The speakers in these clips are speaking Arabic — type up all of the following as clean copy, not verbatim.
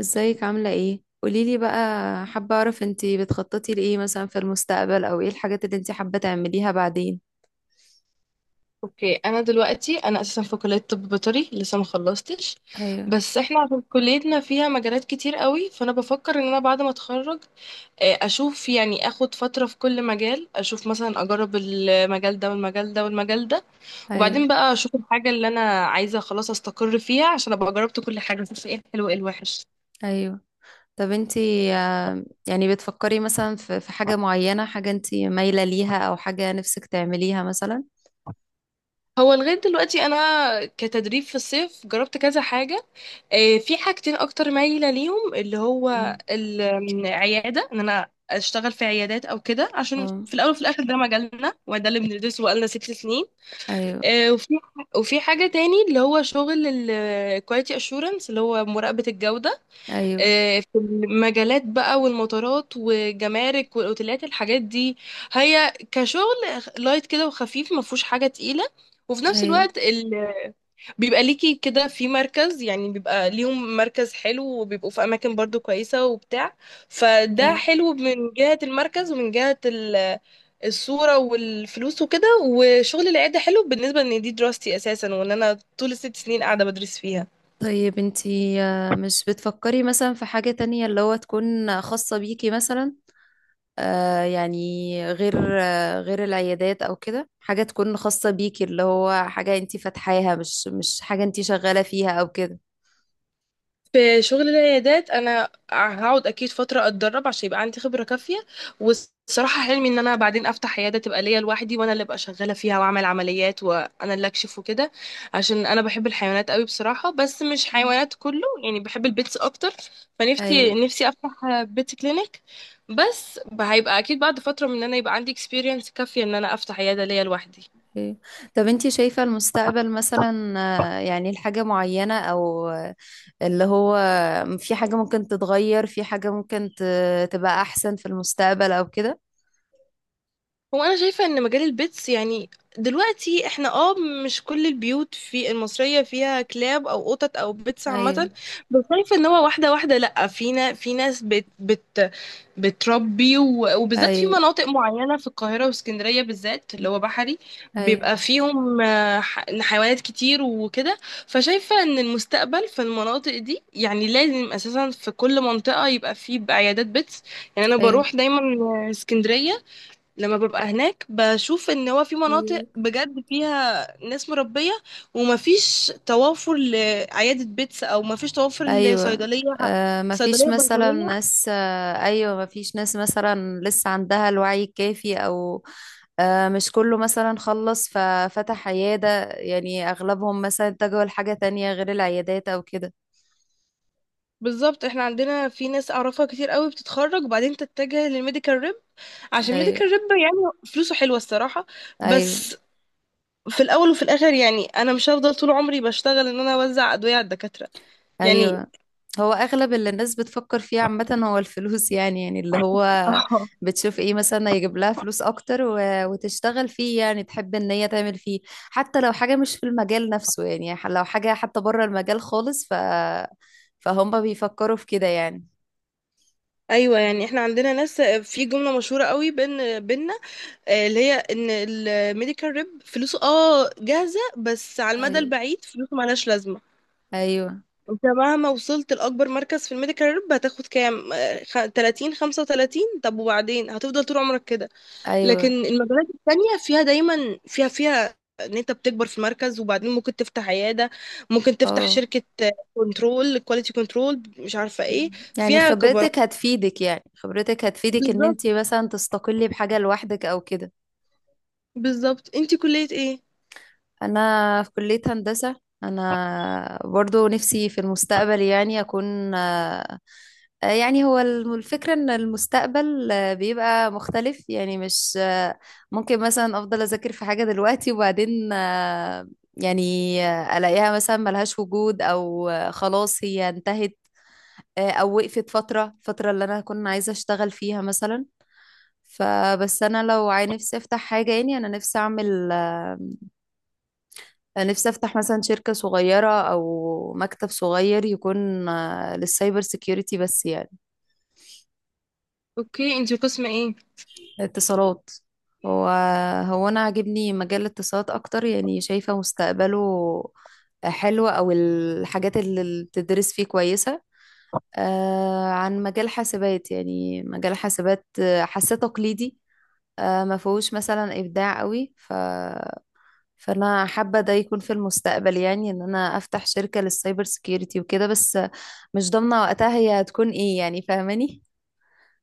ازيك عاملة ايه؟ قوليلي بقى. حابة اعرف انتي بتخططي لإيه مثلا في المستقبل، او ايه الحاجات اللي انتي حابة تعمليها بعدين. اوكي، انا دلوقتي انا اساسا في كليه طب بيطري لسه ما خلصتش. ايوه، بس احنا عشان كليتنا فيها مجالات كتير قوي، فانا بفكر ان انا بعد ما اتخرج اشوف يعني اخد فتره في كل مجال، اشوف مثلا اجرب المجال ده والمجال ده والمجال ده. وبعدين ايوه، بقى اشوف الحاجه اللي انا عايزه خلاص استقر فيها عشان ابقى جربت كل حاجه، اشوف ايه الحلو وايه الوحش. ايوه. طب انتي، يعني بتفكري مثلا في حاجة معينة، حاجة انتي مايلة ليها، او حاجة نفسك تعمليها مثلا؟ هو لغايه دلوقتي انا كتدريب في الصيف جربت كذا حاجه. في حاجتين اكتر مايله ليهم، اللي هو مم. العياده، ان انا اشتغل في عيادات او كده، عشان اه. في الاول وفي الاخر ده مجالنا وده اللي بندرسه بقالنا 6 سنين. ايوه، آه، وفي وفي حاجه تاني اللي هو شغل الكواليتي اشورنس، اللي هو مراقبه الجوده. ايوه، في المجالات بقى والمطارات والجمارك والاوتيلات الحاجات دي. هي كشغل لايت كده وخفيف، ما فيهوش حاجه تقيله، وفي نفس ايوه، الوقت بيبقى ليكي كده في مركز، يعني بيبقى ليهم مركز حلو وبيبقوا في اماكن برضو كويسة وبتاع. فده ايوه. حلو من جهة المركز ومن جهة الصورة والفلوس وكده. وشغل العيادة حلو بالنسبة ان دي دراستي اساسا وان انا طول الست سنين قاعدة بدرس فيها. طيب انتي، مش بتفكري مثلا في حاجة تانية اللي هو تكون خاصة بيكي مثلا. يعني غير غير العيادات او كده، حاجة تكون خاصة بيكي، اللي هو حاجة انتي فاتحاها، مش حاجة انتي شغالة فيها او كده. في شغل العيادات انا هقعد اكيد فتره اتدرب عشان يبقى عندي خبره كافيه. والصراحه حلمي ان انا بعدين افتح عياده تبقى ليا لوحدي، وانا اللي ابقى شغاله فيها، واعمل عمليات وانا اللي اكشف وكده، عشان انا بحب الحيوانات قوي بصراحه، بس مش مم. حيوانات كله، يعني بحب البيتس اكتر. فنفسي ايوه، نفسي افتح بيت كلينيك، بس هيبقى اكيد بعد فتره من ان انا يبقى عندي اكسبيرينس كافيه ان انا افتح عياده ليا لوحدي. ايوه. طب انتي شايفة المستقبل مثلا، يعني الحاجة معينة، او اللي هو في حاجة ممكن تتغير، في حاجة ممكن تبقى احسن في المستقبل او كده. هو انا شايفه ان مجال البيتس، يعني دلوقتي احنا مش كل البيوت في المصريه فيها كلاب او قطط او بيتس ايوه، عامه. بس شايفه ان هو واحده واحده، لا فينا، في ناس بت بتربي، وبالذات في ايوه، مناطق معينه في القاهره واسكندريه، بالذات اللي هو بحري، ايوه، بيبقى فيهم حيوانات كتير وكده. فشايفه ان المستقبل في المناطق دي يعني لازم اساسا في كل منطقه يبقى فيه عيادات بيتس. يعني انا بروح دايما اسكندريه، لما ببقى هناك بشوف ان هو في مناطق ايوه، بجد فيها ناس مربية، ومفيش توافر لعيادة بيتس او مفيش توافر ايوه. لصيدلية، مفيش صيدلية مثلا بيطرية. ناس، ايوه، مفيش ناس مثلا لسه عندها الوعي الكافي او. مش كله مثلا خلص ففتح عيادة، يعني اغلبهم مثلا اتجهوا لحاجة تانية غير العيادات او كده. بالظبط، احنا عندنا في ناس اعرفها كتير قوي بتتخرج وبعدين تتجه للميديكال ريب، عشان ايوه، ميديكال ريب يعني فلوسه حلوة الصراحة. ايوه، بس في الاول وفي الاخر يعني انا مش هفضل طول عمري بشتغل ان انا اوزع ادوية على الدكاترة يعني. ايوه. هو اغلب اللي الناس بتفكر فيه عامة هو الفلوس، يعني اللي هو اه، بتشوف ايه مثلا يجيب لها فلوس اكتر وتشتغل فيه، يعني تحب ان هي تعمل فيه، حتى لو حاجة مش في المجال نفسه، يعني لو حاجة حتى بره المجال خالص، فهم بيفكروا في كده يعني. ايوه، يعني احنا عندنا ناس في جملة مشهورة قوي بينا، اللي هي ان الميديكال ريب فلوسه جاهزة، بس على المدى ايوه، البعيد فلوسه ملهاش لازمة. ايوه، انت مهما وصلت لأكبر مركز في الميديكال ريب هتاخد كام؟ 30 35. طب وبعدين هتفضل طول عمرك كده. ايوه، لكن المجالات التانية فيها دايما فيها ان انت بتكبر في المركز، وبعدين ممكن تفتح عيادة، ممكن تفتح اه. شركة، كنترول كواليتي، كنترول مش عارفة ايه، يعني فيها كبرات. خبرتك هتفيدك، يعني خبرتك هتفيدك، ان بالظبط، انت مثلا تستقلي بحاجة لوحدك او كده. بالظبط. انت كلية ايه؟ انا في كلية هندسة. انا برضو نفسي في المستقبل يعني اكون يعني هو الفكرة ان المستقبل بيبقى مختلف، يعني مش ممكن مثلا افضل اذاكر في حاجة دلوقتي، وبعدين يعني الاقيها مثلا ملهاش وجود، او خلاص هي انتهت، او وقفت فترة، الفترة اللي انا كنت عايزة اشتغل فيها مثلا. فبس انا لو نفسي افتح حاجة، يعني انا نفسي اعمل. أنا نفسي أفتح مثلا شركة صغيرة أو مكتب صغير يكون للسايبر سيكيورتي بس يعني. اوكي، انت قسم ايه؟ اتصالات. هو هو أنا عاجبني مجال الاتصالات أكتر، يعني شايفة مستقبله حلو، أو الحاجات اللي بتدرس فيه كويسة عن مجال حاسبات، يعني مجال حاسبات حاساه تقليدي، ما فيهوش مثلا إبداع قوي، فانا حابه ده يكون في المستقبل، يعني ان انا افتح شركه للسايبر سيكيورتي وكده بس. مش ضامنة وقتها هي هتكون ايه، يعني فاهماني.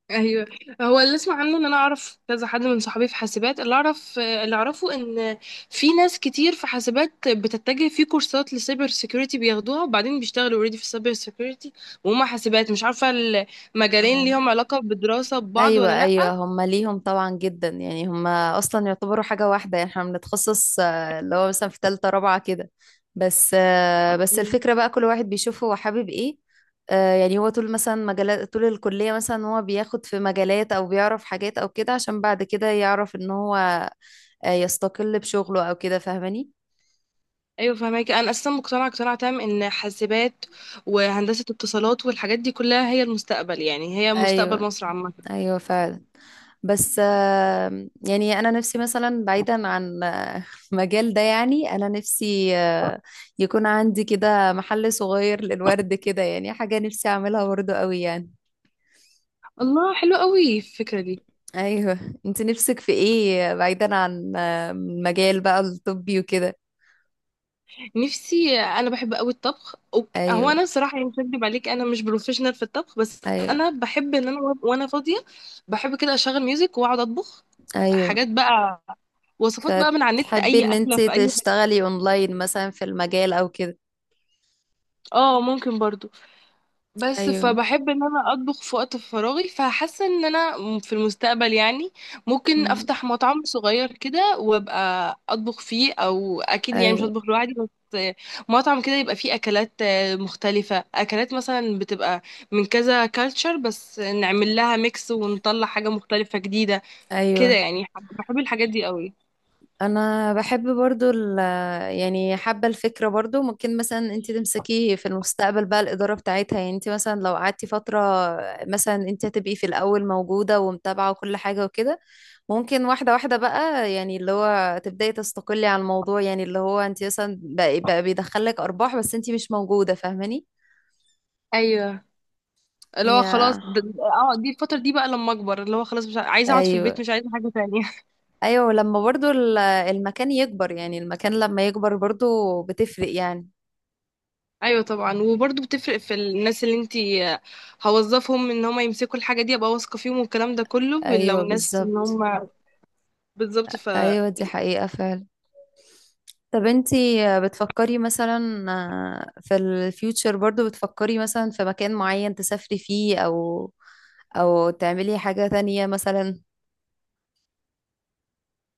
ايوه، هو اللي اسمع عنه ان انا اعرف كذا حد من صحابي في حاسبات، اللي اعرف اللي اعرفه ان في ناس كتير في حاسبات بتتجه في كورسات لسايبر سيكيورتي بياخدوها، وبعدين بيشتغلوا اوريدي في السايبر سيكيورتي، وهم حاسبات مش عارفه. المجالين اه، ليهم علاقه بدراسه ببعض ولا ايوه، ايوه. لا؟ هما ليهم طبعا جدا، يعني هما اصلا يعتبروا حاجة واحدة، يعني احنا بنتخصص اللي هو مثلا في تالتة رابعة كده. بس مم. الفكرة بقى كل واحد بيشوف هو حابب ايه. يعني هو طول مثلا طول الكلية مثلا هو بياخد في مجالات، او بيعرف حاجات او كده عشان بعد كده يعرف ان هو يستقل بشغله او كده، فاهماني. ايوه فهماكي. انا اساسا مقتنعه اقتناع تام ان حاسبات وهندسه اتصالات والحاجات دي كلها هي المستقبل، يعني هي مستقبل ايوه، مصر عامه. ايوه فعلا. بس آه، يعني انا نفسي مثلا بعيدا عن المجال ده، يعني انا نفسي يكون عندي كده محل صغير للورد كده، يعني حاجة نفسي اعملها برضه قوي يعني. الله، حلو قوي الفكره دي. ايوه. انت نفسك في ايه بعيدا عن المجال بقى الطبي وكده؟ نفسي، انا بحب قوي الطبخ. هو ايوه، انا صراحه يعني مش هكدب عليك، انا مش بروفيشنال في الطبخ، بس ايوه، انا بحب ان انا وانا فاضيه بحب كده اشغل ميوزك واقعد اطبخ ايوه. حاجات بقى، وصفات بقى من على النت، فتحبي اي ان اكله انت في اي حته. تشتغلي اونلاين مثلا في المجال او كده؟ اه، ممكن برضو، بس ايوه. فبحب ان انا اطبخ في وقت فراغي، فحاسه ان انا في المستقبل يعني ممكن مم. افتح مطعم صغير كده وابقى اطبخ فيه، او اكيد يعني مش ايوه، هطبخ لوحدي بس، مطعم كده يبقى فيه اكلات مختلفه، اكلات مثلا بتبقى من كذا كالتشر بس نعمل لها ميكس ونطلع حاجه مختلفه جديده كده ايوه. يعني. بحب الحاجات دي قوي. انا بحب برضو يعني حابة الفكرة، برضو ممكن مثلا انت تمسكي في المستقبل بقى الإدارة بتاعتها، يعني انت مثلا لو قعدتي فترة مثلا، انت هتبقي في الأول موجودة ومتابعة وكل حاجة وكده، ممكن واحدة واحدة بقى، يعني اللي هو تبدأي تستقلي على الموضوع، يعني اللي هو انت مثلا بقى بيدخلك أرباح بس انت مش موجودة، فاهماني. ايوه، اللي هو هي. خلاص، دي الفتره دي بقى لما اكبر، اللي هو خلاص مش عايزه اقعد في البيت، ايوه، مش عايزه حاجه تانية. ايوه. لما برضو المكان يكبر، يعني المكان لما يكبر برضو بتفرق يعني. ايوه طبعا، وبرضه بتفرق في الناس اللي انتي هوظفهم ان هم يمسكوا الحاجه دي، ابقى واثقه فيهم والكلام ده كله لو ايوه، ناس ان بالظبط. هم. بالظبط، ف... ايوه، دي حقيقة فعلا. طب انتي، بتفكري مثلا، في الفيوتشر برضو بتفكري مثلا في مكان معين تسافري فيه، او تعملي حاجة تانية مثلا؟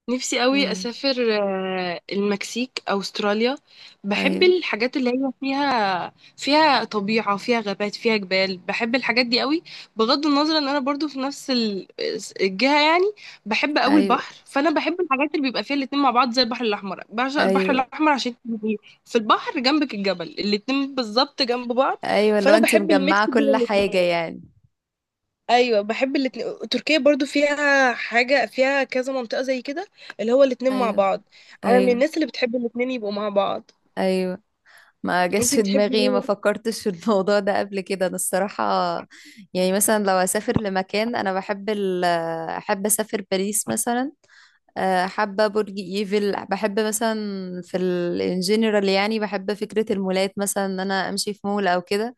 نفسي قوي امم. اسافر المكسيك او استراليا. بحب ايوه، الحاجات اللي هي فيها طبيعة، فيها غابات، فيها جبال، بحب الحاجات دي قوي. بغض النظر ان انا برضو في نفس الجهة يعني. بحب قوي ايوه، البحر، فانا بحب الحاجات اللي بيبقى فيها الاتنين مع بعض زي البحر الاحمر، بعشق البحر ايوه، الاحمر عشان بيبقى في البحر جنبك الجبل، الاتنين بالظبط جنب بعض. ايوه. لو فانا انتي بحب الميكس مجمعة بين كل حاجة الاتنين. يعني. ايوه، بحب الاتنين. تركيا برضو فيها حاجه، فيها كذا منطقه زي كده، اللي هو الاتنين مع ايوه، بعض. انا من ايوه، الناس اللي بتحب الاتنين يبقوا مع بعض. ايوه. ما جاش انتي في بتحبي دماغي، ما مين؟ فكرتش في الموضوع ده قبل كده انا الصراحة. يعني مثلا لو اسافر لمكان، انا بحب احب اسافر باريس مثلا. حابة برج ايفل، بحب مثلا في الجنرال، يعني بحب فكرة المولات مثلا، ان انا امشي في مول او كده،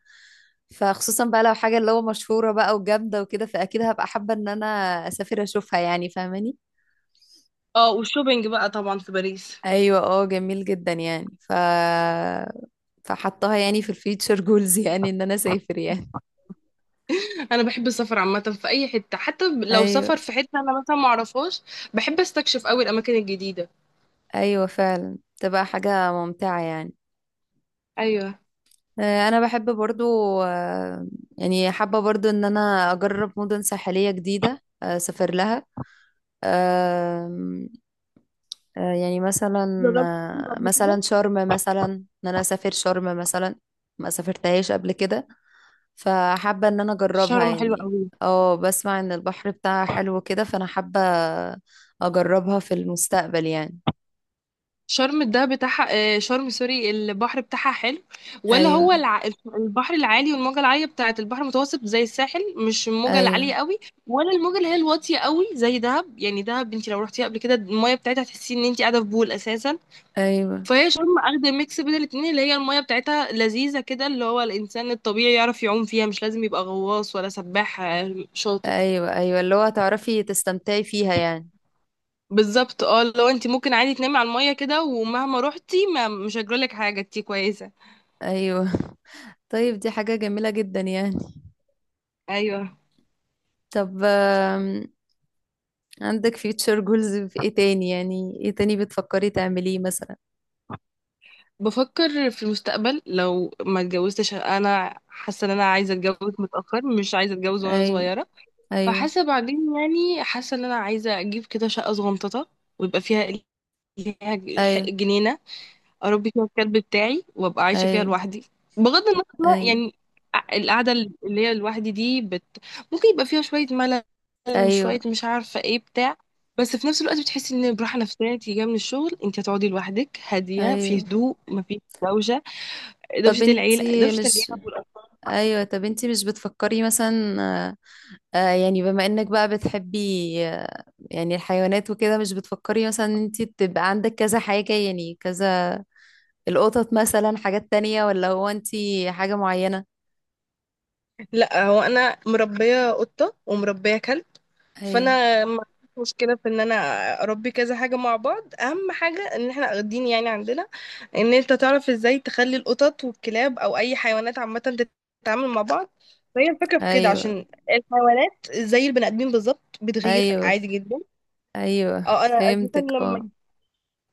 فخصوصا بقى لو حاجة اللي هو مشهورة بقى وجامدة وكده، فاكيد هبقى حابة ان انا اسافر اشوفها يعني، فاهماني. اه، والشوبينج بقى طبعا في باريس. ايوه، اه جميل جدا يعني، فحطها يعني في الفيتشر جولز، يعني ان انا اسافر يعني. انا بحب السفر عامه في اي حته، حتى لو ايوه، سفر في حته انا مثلا ما اعرفهاش، بحب استكشف قوي الاماكن الجديده. ايوه فعلا، تبقى حاجة ممتعة يعني. ايوه. انا بحب برضو آه، يعني حابة برضو ان انا اجرب مدن ساحلية جديدة، اسافر لها. آم، يعني مثلا جربت شرم قبل مثلا كده، شرم، مثلا ان انا اسافر شرم مثلا، ما سافرتهاش قبل كده، فحابة ان انا اجربها شرم حلوه يعني. قوي. اه، بسمع ان البحر بتاعها حلو كده، فانا حابة اجربها في المستقبل يعني. شرم ده بتاعها، شرم سوري، البحر بتاعها حلو، ولا هو ايوه، البحر العالي والموجة العالية بتاعت البحر المتوسط زي الساحل، مش الموجة ايوه، العالية قوي، ولا الموجة اللي هي الواطية قوي زي دهب؟ يعني دهب انت لو رحتيها قبل كده المية بتاعتها تحسي ان انت قاعدة في بول اساسا. ايوه، فهي شرم اخدة ميكس بين الاتنين، اللي هي المية بتاعتها لذيذة كده، اللي هو الانسان الطبيعي يعرف يعوم فيها، مش لازم يبقى غواص ولا سباح شاطر. ايوه، ايوه. اللي هو تعرفي تستمتعي فيها يعني. بالظبط. اه لو انت ممكن عادي تنامي على المية كده، ومهما روحتي ما مش هيجرالك حاجة، انتي كويسة. ايوه. طيب دي حاجة جميلة جدا يعني. ايوه، طب عندك future goals في ايه تاني، يعني ايه تاني بتفكري تعمليه مثلا؟ بفكر في المستقبل لو ما اتجوزتش. انا حاسه ان انا عايزه اتجوز متاخر، مش عايزه اتجوز وانا ايوه، صغيره، ايوه، فحاسه بعدين يعني حاسه ان انا عايزه اجيب كده شقه صغنططه ويبقى فيها، ليها ايوه، جنينه، اربي فيها الكلب بتاعي وابقى عايشه فيها ايوه، لوحدي. بغض النظر ايوه، يعني، القعده اللي هي لوحدي دي ممكن يبقى فيها شويه ملل، ايوه، شويه مش عارفه ايه بتاع، بس في نفس الوقت بتحسي ان براحه نفسيه، انت جايه من الشغل انت هتقعدي لوحدك هاديه في ايوه. هدوء، مفيش دوشه، طب دوشة العيلة، انتي دوشة العيلة مش والأطفال. ايوه، طب انتي مش بتفكري مثلا، آه، يعني بما انك بقى بتحبي آه، يعني الحيوانات وكده، مش بتفكري مثلا ان انتي تبقى عندك كذا حاجة، يعني كذا، القطط مثلا، حاجات تانية، ولا هو انتي حاجة معينة؟ لا، هو انا مربيه قطه ومربيه كلب، ايوه، فانا ما عنديش مشكله في ان انا اربي كذا حاجه مع بعض. اهم حاجه ان احنا واخدين يعني عندنا ان انت تعرف ازاي تخلي القطط والكلاب او اي حيوانات عامه تتعامل مع بعض، فهي الفكره في كده، ايوه، عشان الحيوانات زي البني ادمين بالظبط بتغير ايوه، عادي جدا. ايوه اه، انا اساسا فهمتك، لما اه.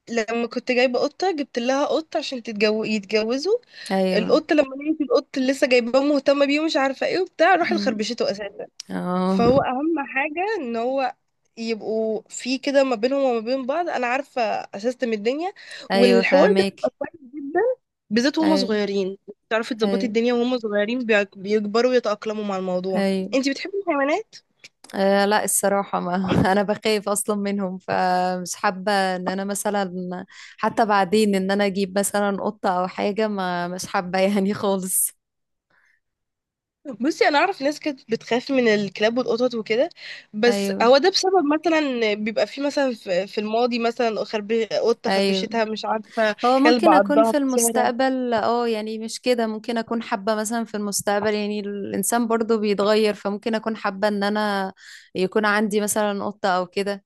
لما كنت جايبه قطه جبت لها قط عشان يتجوزوا. ايوه. القط لما لقيت القط اللي لسه جايباه مهتمه بيه ومش عارفه ايه وبتاع راحت أمم. خربشته اساسا. اه، فهو اهم حاجه ان هو يبقوا في كده ما بينهم وما بين بعض، انا عارفه اسستم الدنيا، ايوه والحوار ده بيبقى فهمك. كويس جدا بالذات وهم ايوه، صغيرين، تعرفي تظبطي ايوه، الدنيا وهم صغيرين، بيكبروا ويتأقلموا مع الموضوع. ايوه. انتي بتحبي الحيوانات؟ لا الصراحه ما انا بخاف اصلا منهم، فمش حابه ان انا مثلا حتى بعدين ان انا اجيب مثلا قطه او حاجه، ما مش حابه يعني خالص. بصي، انا اعرف ناس كانت بتخاف من الكلاب والقطط وكده، بس ايوه، هو ده بسبب مثلا بيبقى فيه مثلا في الماضي مثلا قطه ايوه. خربشتها مش عارفه، هو كلب ممكن اكون عضها في في الشارع. المستقبل يعني مش كده، ممكن اكون حابه مثلا في المستقبل، يعني الانسان برضو بيتغير، فممكن اكون حابه ان انا يكون عندي مثلا قطه او كده.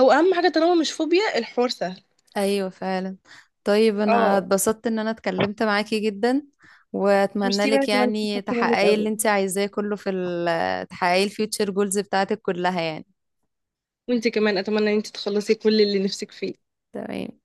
هو اهم حاجه طالما مش فوبيا، الحوار سهل. ايوه فعلا. طيب انا اه، اتبسطت ان انا اتكلمت معاكي جدا، واتمنى ميرسي. وانا لك كمان يعني استفدت منك تحققي اللي قوي. انت عايزاه كله في تحققي الفيوتشر جولز بتاعتك كلها يعني. وانت كمان اتمنى ان انت تخلصي كل اللي نفسك فيه. تمام.